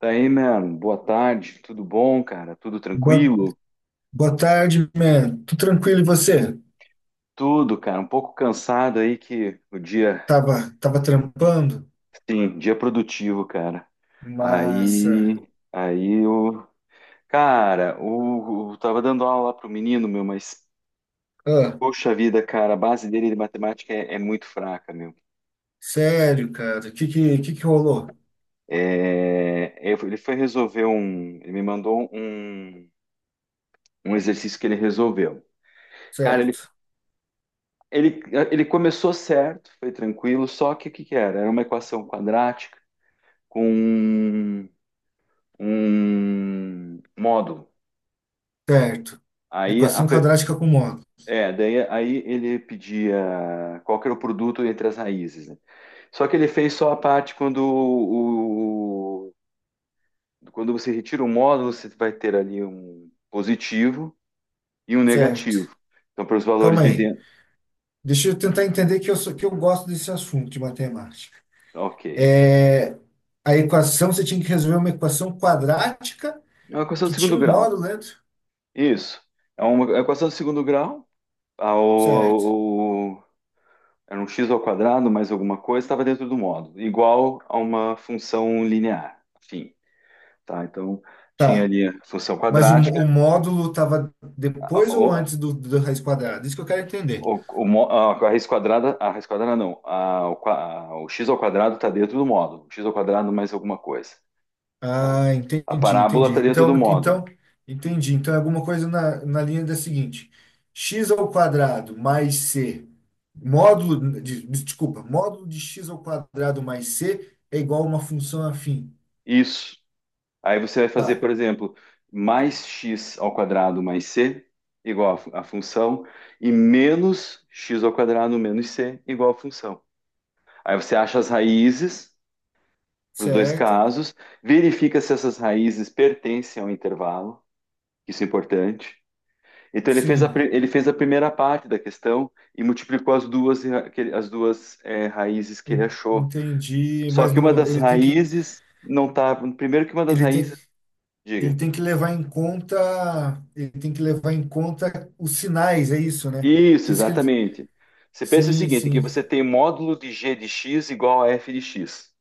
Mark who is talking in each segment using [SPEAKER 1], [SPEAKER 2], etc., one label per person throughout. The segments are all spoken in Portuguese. [SPEAKER 1] Daí, mano, boa tarde, tudo bom, cara? Tudo
[SPEAKER 2] Boa,
[SPEAKER 1] tranquilo?
[SPEAKER 2] boa tarde, man. Tudo tranquilo e você?
[SPEAKER 1] Tudo, cara, um pouco cansado aí que o dia,
[SPEAKER 2] Tava trampando?
[SPEAKER 1] sim, dia produtivo, cara.
[SPEAKER 2] Massa.
[SPEAKER 1] Aí o cara, tava dando aula lá pro menino, meu, mas
[SPEAKER 2] Ah,
[SPEAKER 1] poxa vida, cara, a base dele de matemática é muito fraca, meu.
[SPEAKER 2] sério, cara. O que que rolou?
[SPEAKER 1] É, ele foi resolver um, ele me mandou um, um exercício que ele resolveu. Cara, ele
[SPEAKER 2] Certo,
[SPEAKER 1] Ele, ele começou certo, foi tranquilo, só que o que era? Era uma equação quadrática com um módulo.
[SPEAKER 2] certo.
[SPEAKER 1] Aí, a
[SPEAKER 2] Equação
[SPEAKER 1] per-
[SPEAKER 2] quadrática com módulo.
[SPEAKER 1] é, daí, aí ele pedia qual que era o produto entre as raízes, né? Só que ele fez só a parte quando, quando você retira o módulo, você vai ter ali um positivo e um
[SPEAKER 2] Certo.
[SPEAKER 1] negativo. Então, para os valores
[SPEAKER 2] Calma
[SPEAKER 1] de
[SPEAKER 2] aí.
[SPEAKER 1] dentro.
[SPEAKER 2] Deixa eu tentar entender que eu gosto desse assunto de matemática.
[SPEAKER 1] Ok.
[SPEAKER 2] É, a equação, você tinha que resolver uma equação quadrática
[SPEAKER 1] É uma equação
[SPEAKER 2] que
[SPEAKER 1] de segundo
[SPEAKER 2] tinha um
[SPEAKER 1] grau.
[SPEAKER 2] módulo dentro?
[SPEAKER 1] Isso. É uma equação de segundo grau. ao,
[SPEAKER 2] Certo.
[SPEAKER 1] ao- era um x ao quadrado mais alguma coisa, estava dentro do módulo, igual a uma função linear, enfim, tá? Então, tinha
[SPEAKER 2] Tá.
[SPEAKER 1] ali a função
[SPEAKER 2] Mas o,
[SPEAKER 1] quadrática,
[SPEAKER 2] o módulo estava
[SPEAKER 1] a-
[SPEAKER 2] depois ou
[SPEAKER 1] o,
[SPEAKER 2] antes do raiz quadrada? Isso que eu quero entender.
[SPEAKER 1] a raiz quadrada não, a, o, qua- a- o x ao quadrado está dentro do módulo, x ao quadrado mais alguma coisa, tá?
[SPEAKER 2] Ah,
[SPEAKER 1] A
[SPEAKER 2] entendi,
[SPEAKER 1] parábola está
[SPEAKER 2] entendi.
[SPEAKER 1] dentro do
[SPEAKER 2] Então,
[SPEAKER 1] módulo,
[SPEAKER 2] então, entendi. Então é alguma coisa na linha da seguinte: x ao quadrado mais c, módulo, desculpa, módulo de x ao quadrado mais c é igual a uma função afim.
[SPEAKER 1] isso. Aí você vai fazer,
[SPEAKER 2] Tá,
[SPEAKER 1] por exemplo, mais x ao quadrado mais c igual a, a função e menos x ao quadrado menos c igual a função. Aí você acha as raízes para os dois
[SPEAKER 2] certo?
[SPEAKER 1] casos, verifica se essas raízes pertencem ao intervalo, isso é importante. Então ele fez a,
[SPEAKER 2] Sim,
[SPEAKER 1] ele fez a primeira parte da questão e multiplicou as duas, as duas raízes que ele achou.
[SPEAKER 2] entendi.
[SPEAKER 1] Só
[SPEAKER 2] Mas
[SPEAKER 1] que uma
[SPEAKER 2] não,
[SPEAKER 1] das
[SPEAKER 2] ele tem que,
[SPEAKER 1] raízes não está. Primeiro que uma das
[SPEAKER 2] ele tem.
[SPEAKER 1] raízes.
[SPEAKER 2] Ele
[SPEAKER 1] Diga.
[SPEAKER 2] tem que levar em conta, ele tem que levar em conta os sinais, é isso, né? Que
[SPEAKER 1] Isso,
[SPEAKER 2] isso que ele,
[SPEAKER 1] exatamente. Você pensa o
[SPEAKER 2] sim,
[SPEAKER 1] seguinte, que
[SPEAKER 2] sim,
[SPEAKER 1] você tem módulo de g de x igual a f de x.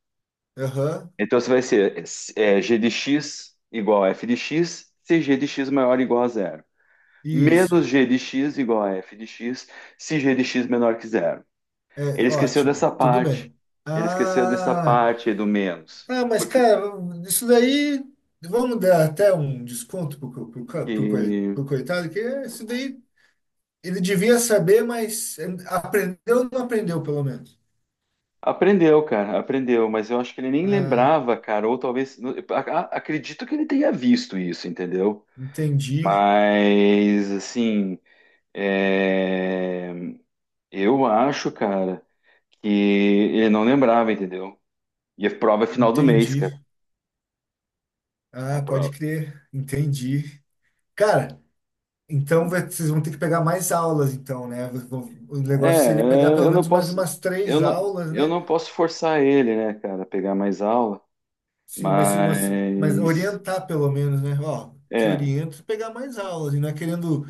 [SPEAKER 2] aham,
[SPEAKER 1] Então, você vai ser g de x igual a f de x se g de x maior ou igual a zero.
[SPEAKER 2] isso,
[SPEAKER 1] Menos g de x igual a f de x se g de x menor que zero.
[SPEAKER 2] é
[SPEAKER 1] Ele esqueceu
[SPEAKER 2] ótimo,
[SPEAKER 1] dessa
[SPEAKER 2] tudo
[SPEAKER 1] parte.
[SPEAKER 2] bem.
[SPEAKER 1] Ele esqueceu dessa
[SPEAKER 2] Ah,
[SPEAKER 1] parte aí do menos.
[SPEAKER 2] ah, mas
[SPEAKER 1] Porque
[SPEAKER 2] cara, isso daí, vamos dar até um desconto pro, co- pro, ca- pro, coi-
[SPEAKER 1] que-
[SPEAKER 2] pro coitado, que isso daí ele devia saber, mas aprendeu ou não aprendeu, pelo menos.
[SPEAKER 1] aprendeu, cara, aprendeu. Mas eu acho que ele nem
[SPEAKER 2] Ah,
[SPEAKER 1] lembrava, cara. Ou talvez... Acredito que ele tenha visto isso, entendeu?
[SPEAKER 2] entendi,
[SPEAKER 1] Mas, assim, é, eu acho, cara, que ele não lembrava, entendeu? E a prova é final do mês, cara.
[SPEAKER 2] entendi.
[SPEAKER 1] A
[SPEAKER 2] Ah,
[SPEAKER 1] prova.
[SPEAKER 2] pode crer, entendi. Cara, então, vocês vão ter que pegar mais aulas, então, né? O negócio seria pegar pelo
[SPEAKER 1] Eu não
[SPEAKER 2] menos mais
[SPEAKER 1] posso,
[SPEAKER 2] umas três aulas,
[SPEAKER 1] eu
[SPEAKER 2] né?
[SPEAKER 1] não posso forçar ele, né, cara, a pegar mais aula,
[SPEAKER 2] Sim, mas, se você- mas
[SPEAKER 1] mas,
[SPEAKER 2] orientar pelo menos, né? Ó, te
[SPEAKER 1] é,
[SPEAKER 2] oriento a pegar mais aulas, e não é querendo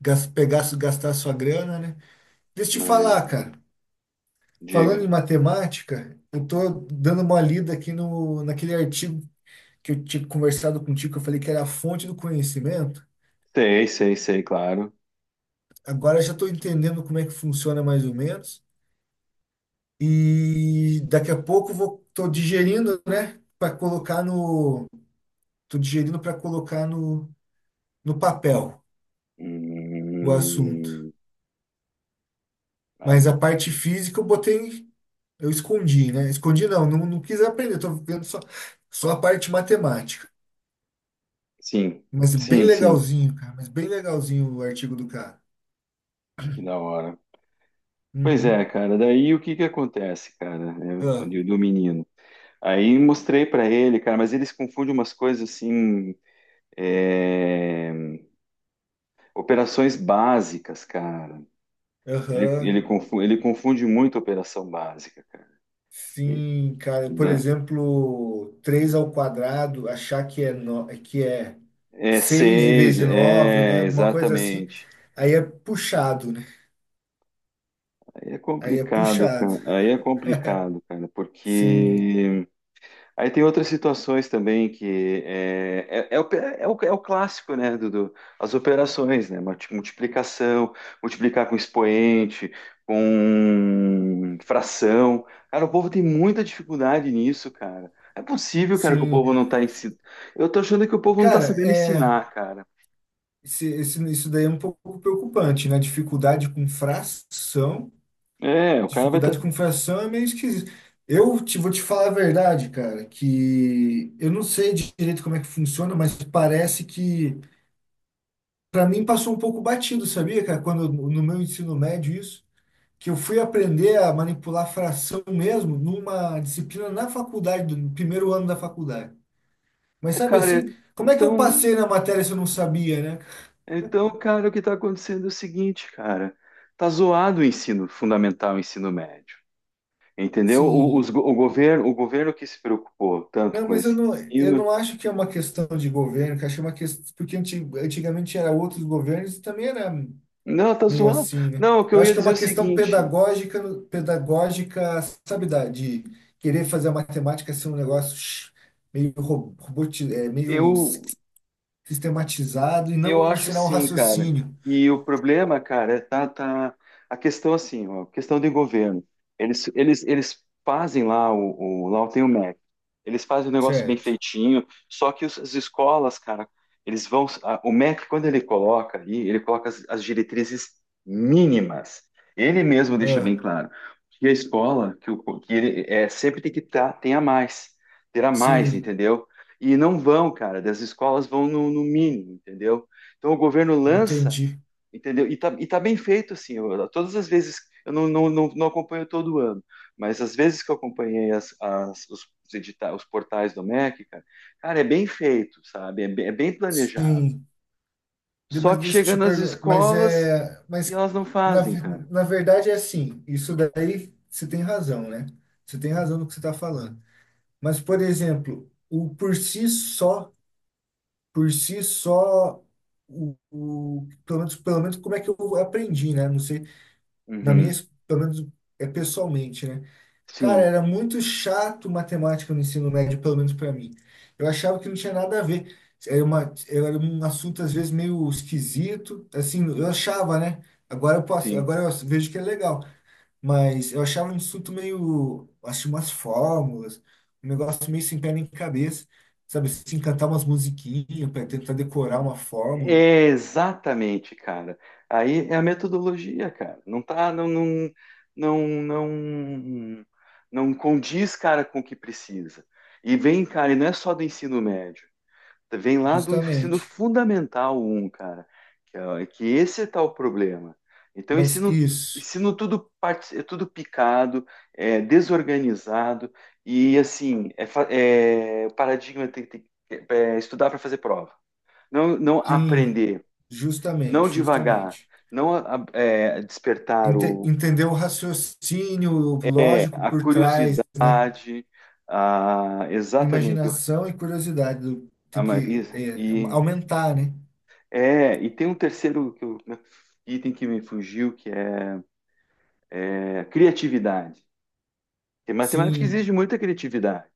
[SPEAKER 2] gastar sua grana, né? Deixa eu te
[SPEAKER 1] mas,
[SPEAKER 2] falar, cara. Falando
[SPEAKER 1] diga.
[SPEAKER 2] em matemática, eu tô dando uma lida aqui no, naquele artigo que eu tinha conversado contigo, que eu falei que era a fonte do conhecimento.
[SPEAKER 1] Sei, sei, sei, claro.
[SPEAKER 2] Agora eu já estou entendendo como é que funciona mais ou menos. E daqui a pouco vou tô digerindo, né, para colocar no tô digerindo para colocar no, no papel o assunto.
[SPEAKER 1] Hum,
[SPEAKER 2] Mas
[SPEAKER 1] aí,
[SPEAKER 2] a parte física eu botei, eu escondi, né? Escondi não, não, não quis aprender, tô vendo só a parte matemática.
[SPEAKER 1] sim,
[SPEAKER 2] Mas bem
[SPEAKER 1] sim, sim,
[SPEAKER 2] legalzinho, cara, mas bem legalzinho o artigo do cara.
[SPEAKER 1] que da hora. Pois é,
[SPEAKER 2] Uhum.
[SPEAKER 1] cara. Daí o que que acontece, cara, né,
[SPEAKER 2] Ah,
[SPEAKER 1] do menino? Aí mostrei pra ele, cara, mas eles confundem umas coisas assim, é, operações básicas, cara. Ele, ele,
[SPEAKER 2] aham.
[SPEAKER 1] confunde, ele confunde muito operação básica, cara. E,
[SPEAKER 2] Sim, cara, por
[SPEAKER 1] né,
[SPEAKER 2] exemplo, 3 ao quadrado, achar que é no, que é
[SPEAKER 1] é
[SPEAKER 2] seis em vez
[SPEAKER 1] seis,
[SPEAKER 2] de nove, né?
[SPEAKER 1] é
[SPEAKER 2] Alguma coisa assim.
[SPEAKER 1] exatamente.
[SPEAKER 2] Aí é puxado, né?
[SPEAKER 1] Aí é
[SPEAKER 2] Aí é
[SPEAKER 1] complicado,
[SPEAKER 2] puxado.
[SPEAKER 1] cara. Aí é complicado, cara,
[SPEAKER 2] Sim,
[SPEAKER 1] porque Aí tem outras situações também que é, é, é o clássico, né, as operações, né, multiplicação, multiplicar com expoente, com fração. Cara, o povo tem muita dificuldade nisso, cara. É possível, cara, que o
[SPEAKER 2] sim.
[SPEAKER 1] povo não tá ensinando. Eu tô achando que o povo não tá
[SPEAKER 2] Cara,
[SPEAKER 1] sabendo
[SPEAKER 2] é,
[SPEAKER 1] ensinar, cara.
[SPEAKER 2] isso daí é um pouco preocupante, né? Dificuldade com fração.
[SPEAKER 1] É, o cara vai estar.
[SPEAKER 2] Dificuldade com fração é meio esquisito. Vou te falar a verdade, cara, que eu não sei direito como é que funciona, mas parece que, para mim, passou um pouco batido, sabia, cara? Quando no meu ensino médio, isso. Que eu fui aprender a manipular fração mesmo numa disciplina na faculdade, no primeiro ano da faculdade. Mas
[SPEAKER 1] É,
[SPEAKER 2] sabe assim,
[SPEAKER 1] cara,
[SPEAKER 2] como é que eu
[SPEAKER 1] então,
[SPEAKER 2] passei na matéria se eu não sabia, né?
[SPEAKER 1] então, cara, o que tá acontecendo é o seguinte, cara. Tá zoado o ensino fundamental, o ensino médio. Entendeu?
[SPEAKER 2] Sim.
[SPEAKER 1] O governo que se preocupou tanto
[SPEAKER 2] Não,
[SPEAKER 1] com
[SPEAKER 2] mas eu
[SPEAKER 1] esse
[SPEAKER 2] não, eu
[SPEAKER 1] ensino.
[SPEAKER 2] não acho que é uma questão de governo, que acho que é uma questão, porque antigamente era outros governos e também era
[SPEAKER 1] Não, tá
[SPEAKER 2] meio
[SPEAKER 1] zoando.
[SPEAKER 2] assim, né?
[SPEAKER 1] Não, o que
[SPEAKER 2] Eu
[SPEAKER 1] eu
[SPEAKER 2] acho
[SPEAKER 1] ia
[SPEAKER 2] que é
[SPEAKER 1] dizer é
[SPEAKER 2] uma
[SPEAKER 1] o
[SPEAKER 2] questão
[SPEAKER 1] seguinte:
[SPEAKER 2] pedagógica, sabe, de querer fazer a matemática ser um negócio shh, meio robotizado, meio
[SPEAKER 1] eu
[SPEAKER 2] sistematizado e
[SPEAKER 1] eu
[SPEAKER 2] não
[SPEAKER 1] acho
[SPEAKER 2] ensinar o
[SPEAKER 1] sim, cara.
[SPEAKER 2] raciocínio.
[SPEAKER 1] E o problema, cara, tá a questão assim, ó, questão do governo. Eles fazem lá o lá tem o MEC. Eles fazem o negócio bem
[SPEAKER 2] Certo.
[SPEAKER 1] feitinho. Só que as escolas, cara, eles vão. O MEC quando ele coloca ali, ele coloca as diretrizes mínimas. Ele mesmo deixa bem
[SPEAKER 2] Ah,
[SPEAKER 1] claro que a escola, que ele é sempre tem que tá, tenha mais, terá mais,
[SPEAKER 2] sim,
[SPEAKER 1] entendeu? E não vão, cara, das escolas vão no mínimo, entendeu? Então o governo lança,
[SPEAKER 2] entendi.
[SPEAKER 1] entendeu? E tá bem feito, assim. Todas as vezes, eu não, não, não, não acompanho todo ano, mas as vezes que eu acompanhei os portais do MEC, cara, cara, é bem feito, sabe? É bem planejado.
[SPEAKER 2] Sim.
[SPEAKER 1] Só
[SPEAKER 2] Mas
[SPEAKER 1] que
[SPEAKER 2] deixa eu te
[SPEAKER 1] chegando às
[SPEAKER 2] perguntar. Mas
[SPEAKER 1] escolas
[SPEAKER 2] é.
[SPEAKER 1] e
[SPEAKER 2] Mas
[SPEAKER 1] elas não
[SPEAKER 2] na,
[SPEAKER 1] fazem,
[SPEAKER 2] ve-
[SPEAKER 1] cara.
[SPEAKER 2] na verdade é assim. Isso daí você tem razão, né? Você tem razão no que você está falando. Mas, por exemplo, o por si só, pelo menos como é que eu aprendi, né? Não sei. Na minha,
[SPEAKER 1] Uhum.
[SPEAKER 2] ex- pelo menos é pessoalmente, né? Cara,
[SPEAKER 1] Sim,
[SPEAKER 2] era muito chato matemática no ensino médio, pelo menos para mim. Eu achava que não tinha nada a ver. Era um assunto às vezes meio esquisito, assim, eu achava, né? Agora eu posso,
[SPEAKER 1] sim.
[SPEAKER 2] agora eu vejo que é legal, mas eu achava um assunto meio, acho umas fórmulas, um negócio meio sem pé nem cabeça, sabe? Assim, cantar umas musiquinhas para tentar decorar uma fórmula,
[SPEAKER 1] É, exatamente, cara. Aí é a metodologia, cara. Não tá, não, não, não, não condiz, cara, com o que precisa. E vem, cara, e não é só do ensino médio. Vem lá do ensino
[SPEAKER 2] justamente.
[SPEAKER 1] fundamental um cara. Que, que esse é tal problema. Então,
[SPEAKER 2] Mas
[SPEAKER 1] ensino,
[SPEAKER 2] isso,
[SPEAKER 1] ensino tudo, é tudo picado, é desorganizado e, assim, é, é, o paradigma tem que é estudar para fazer prova. Não, não
[SPEAKER 2] sim,
[SPEAKER 1] aprender não
[SPEAKER 2] justamente,
[SPEAKER 1] devagar,
[SPEAKER 2] justamente.
[SPEAKER 1] não a- é, despertar
[SPEAKER 2] Ente-
[SPEAKER 1] o,
[SPEAKER 2] entender o raciocínio
[SPEAKER 1] é,
[SPEAKER 2] lógico
[SPEAKER 1] a
[SPEAKER 2] por trás, né?
[SPEAKER 1] curiosidade, a, exatamente, o raci-
[SPEAKER 2] Imaginação e curiosidade
[SPEAKER 1] a
[SPEAKER 2] tem
[SPEAKER 1] ma-
[SPEAKER 2] que é,
[SPEAKER 1] e-
[SPEAKER 2] aumentar, né?
[SPEAKER 1] é, e tem um terceiro que né, item que me fugiu, que é, é criatividade. Porque matemática exige
[SPEAKER 2] Sim,
[SPEAKER 1] muita criatividade.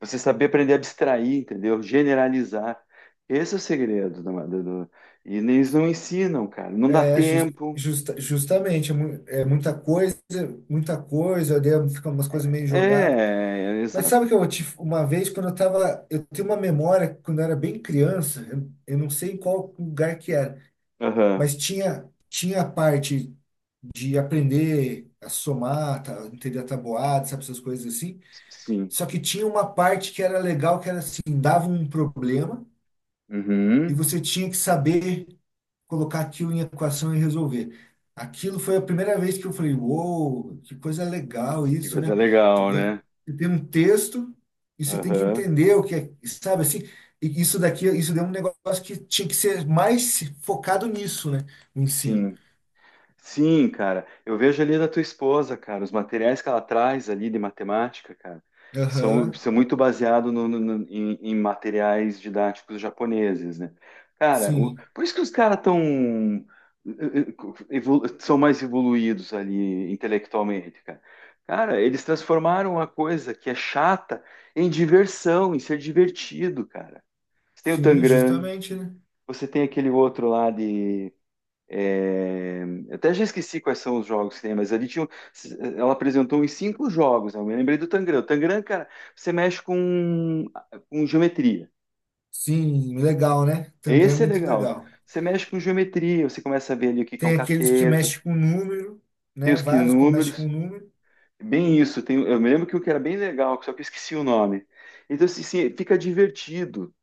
[SPEAKER 1] Você saber aprender a abstrair, entendeu? Generalizar. Esse é o segredo do e eles não ensinam, cara. Não dá
[SPEAKER 2] é
[SPEAKER 1] tempo.
[SPEAKER 2] justamente é muita coisa, daí fica umas coisas meio jogadas.
[SPEAKER 1] É,
[SPEAKER 2] Mas sabe
[SPEAKER 1] exato.
[SPEAKER 2] que eu tive uma vez quando eu tenho uma memória quando eu era bem criança, eu não sei em qual lugar que era,
[SPEAKER 1] Aham.
[SPEAKER 2] mas tinha a parte de aprender a somar, tá, entender a tabuada, sabe, essas coisas assim.
[SPEAKER 1] Sim.
[SPEAKER 2] Só que tinha uma parte que era legal, que era assim, dava um problema e
[SPEAKER 1] Uhum.
[SPEAKER 2] você tinha que saber colocar aquilo em equação e resolver. Aquilo foi a primeira vez que eu falei, uou, que coisa legal
[SPEAKER 1] Que
[SPEAKER 2] isso,
[SPEAKER 1] coisa
[SPEAKER 2] né? Tu
[SPEAKER 1] legal, né?
[SPEAKER 2] Você tem um texto e você tem que
[SPEAKER 1] Aham.
[SPEAKER 2] entender o que é, sabe assim? E isso daqui, isso deu um negócio que tinha que ser mais focado nisso, né? O ensino.
[SPEAKER 1] Sim. Sim, cara. Eu vejo ali da tua esposa, cara, os materiais que ela traz ali de matemática, cara, que são,
[SPEAKER 2] Aham,
[SPEAKER 1] são muito baseados em, em materiais didáticos japoneses, né? Cara,
[SPEAKER 2] sim,
[SPEAKER 1] por isso que os caras tão, eh, são mais evoluídos ali intelectualmente, cara. Cara, eles transformaram uma coisa que é chata em diversão, em ser divertido, cara. Você tem o
[SPEAKER 2] sim,
[SPEAKER 1] Tangram.
[SPEAKER 2] justamente, né?
[SPEAKER 1] Você tem aquele outro lá de. É, eu até já esqueci quais são os jogos que tem, mas ali tinha. Ela apresentou uns cinco jogos, né? Eu me lembrei do Tangram. O Tangram, cara, você mexe com geometria.
[SPEAKER 2] Sim, legal, né? Tangram é
[SPEAKER 1] Esse é
[SPEAKER 2] muito
[SPEAKER 1] legal.
[SPEAKER 2] legal.
[SPEAKER 1] Você mexe com geometria, você começa a ver ali o que que é um
[SPEAKER 2] Tem aqueles que
[SPEAKER 1] cateto,
[SPEAKER 2] mexem com número,
[SPEAKER 1] tem
[SPEAKER 2] né?
[SPEAKER 1] os que
[SPEAKER 2] Vários que mexem
[SPEAKER 1] números.
[SPEAKER 2] com número,
[SPEAKER 1] Bem isso, tem, eu me lembro que um que era bem legal, só que eu esqueci o nome. Então, assim, assim, fica divertido,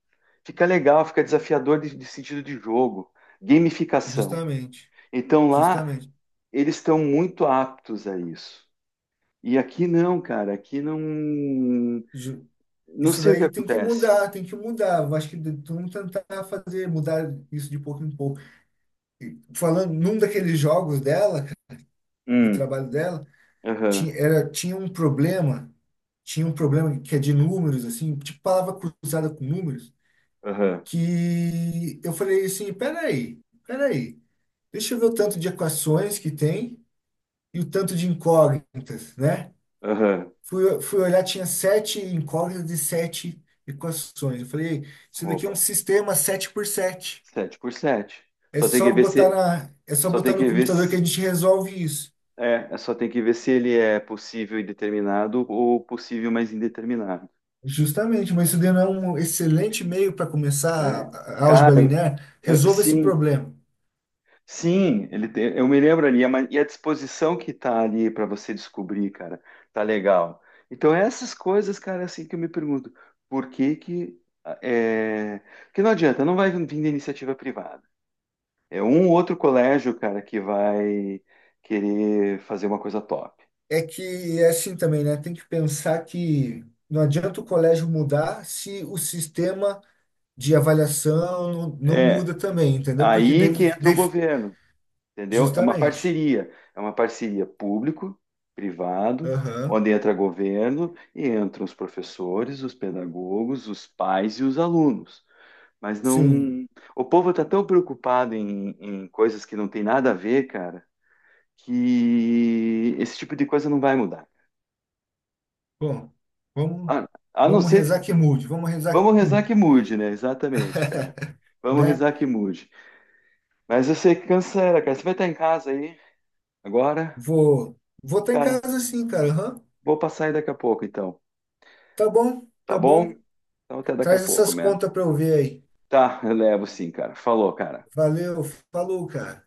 [SPEAKER 1] fica legal, fica desafiador de sentido de jogo, gamificação.
[SPEAKER 2] justamente,
[SPEAKER 1] Então lá
[SPEAKER 2] justamente.
[SPEAKER 1] eles estão muito aptos a isso. E aqui não, cara, aqui não.
[SPEAKER 2] Ju-
[SPEAKER 1] Não
[SPEAKER 2] Isso
[SPEAKER 1] sei o que
[SPEAKER 2] daí tem que
[SPEAKER 1] acontece.
[SPEAKER 2] mudar, tem que mudar. Eu acho que vamos tentar fazer, mudar isso de pouco em pouco. Falando, num daqueles jogos dela, cara, do
[SPEAKER 1] Hum,
[SPEAKER 2] trabalho dela, tinha,
[SPEAKER 1] aham,
[SPEAKER 2] era, tinha um problema, tinha um problema que é de números, assim, tipo palavra cruzada com números,
[SPEAKER 1] aham,
[SPEAKER 2] que eu falei assim, peraí, deixa eu ver o tanto de equações que tem e o tanto de incógnitas, né?
[SPEAKER 1] aham.
[SPEAKER 2] Fui olhar, tinha sete incógnitas de sete equações. Eu falei, isso daqui é um
[SPEAKER 1] Opa,
[SPEAKER 2] sistema 7 por sete.
[SPEAKER 1] sete por sete. Só tem que ver se.
[SPEAKER 2] É só
[SPEAKER 1] Só tem
[SPEAKER 2] botar no
[SPEAKER 1] que ver
[SPEAKER 2] computador que a
[SPEAKER 1] se.
[SPEAKER 2] gente resolve isso.
[SPEAKER 1] É, só tem que ver se ele é possível e determinado ou possível, mas indeterminado.
[SPEAKER 2] Justamente, mas isso daí não é um excelente meio para começar
[SPEAKER 1] É,
[SPEAKER 2] a álgebra linear.
[SPEAKER 1] é,
[SPEAKER 2] Resolva esse
[SPEAKER 1] sim,
[SPEAKER 2] problema.
[SPEAKER 1] sim, ele tem, eu me lembro ali, a e a disposição que tá ali para você descobrir, cara, tá legal. Então, essas coisas, cara, é assim que eu me pergunto, por que que ah, é, que não adianta, não vai vir da iniciativa privada. É um ou outro colégio, cara, que vai querer fazer uma coisa top.
[SPEAKER 2] É que é assim também, né? Tem que pensar que não adianta o colégio mudar se o sistema de avaliação não, não
[SPEAKER 1] É,
[SPEAKER 2] muda também, entendeu? Porque
[SPEAKER 1] aí
[SPEAKER 2] daí,
[SPEAKER 1] que entra o
[SPEAKER 2] daí-
[SPEAKER 1] governo. Entendeu?
[SPEAKER 2] justamente.
[SPEAKER 1] É uma parceria público-privado,
[SPEAKER 2] Aham.
[SPEAKER 1] onde entra governo e entram os professores, os pedagogos, os pais e os alunos. Mas
[SPEAKER 2] Sim.
[SPEAKER 1] não. O povo está tão preocupado em, em coisas que não tem nada a ver, cara, que esse tipo de coisa não vai mudar.
[SPEAKER 2] Bom, vamos,
[SPEAKER 1] A, a não
[SPEAKER 2] vamos
[SPEAKER 1] ser que.
[SPEAKER 2] rezar que mude, vamos rezar
[SPEAKER 1] Vamos
[SPEAKER 2] que
[SPEAKER 1] rezar
[SPEAKER 2] mude,
[SPEAKER 1] que mude, né? Exatamente, cara. Vamos
[SPEAKER 2] né?
[SPEAKER 1] rezar que mude. Mas eu sei que cancela, cara. Você vai estar em casa aí agora?
[SPEAKER 2] Vou estar em
[SPEAKER 1] Cara,
[SPEAKER 2] casa sim, cara. Aham.
[SPEAKER 1] vou passar aí daqui a pouco, então.
[SPEAKER 2] Tá bom,
[SPEAKER 1] Tá
[SPEAKER 2] tá
[SPEAKER 1] bom?
[SPEAKER 2] bom.
[SPEAKER 1] Então até daqui a
[SPEAKER 2] Traz
[SPEAKER 1] pouco,
[SPEAKER 2] essas
[SPEAKER 1] mano.
[SPEAKER 2] contas para eu ver aí.
[SPEAKER 1] Tá, eu levo sim, cara. Falou, cara.
[SPEAKER 2] Valeu, falou, cara.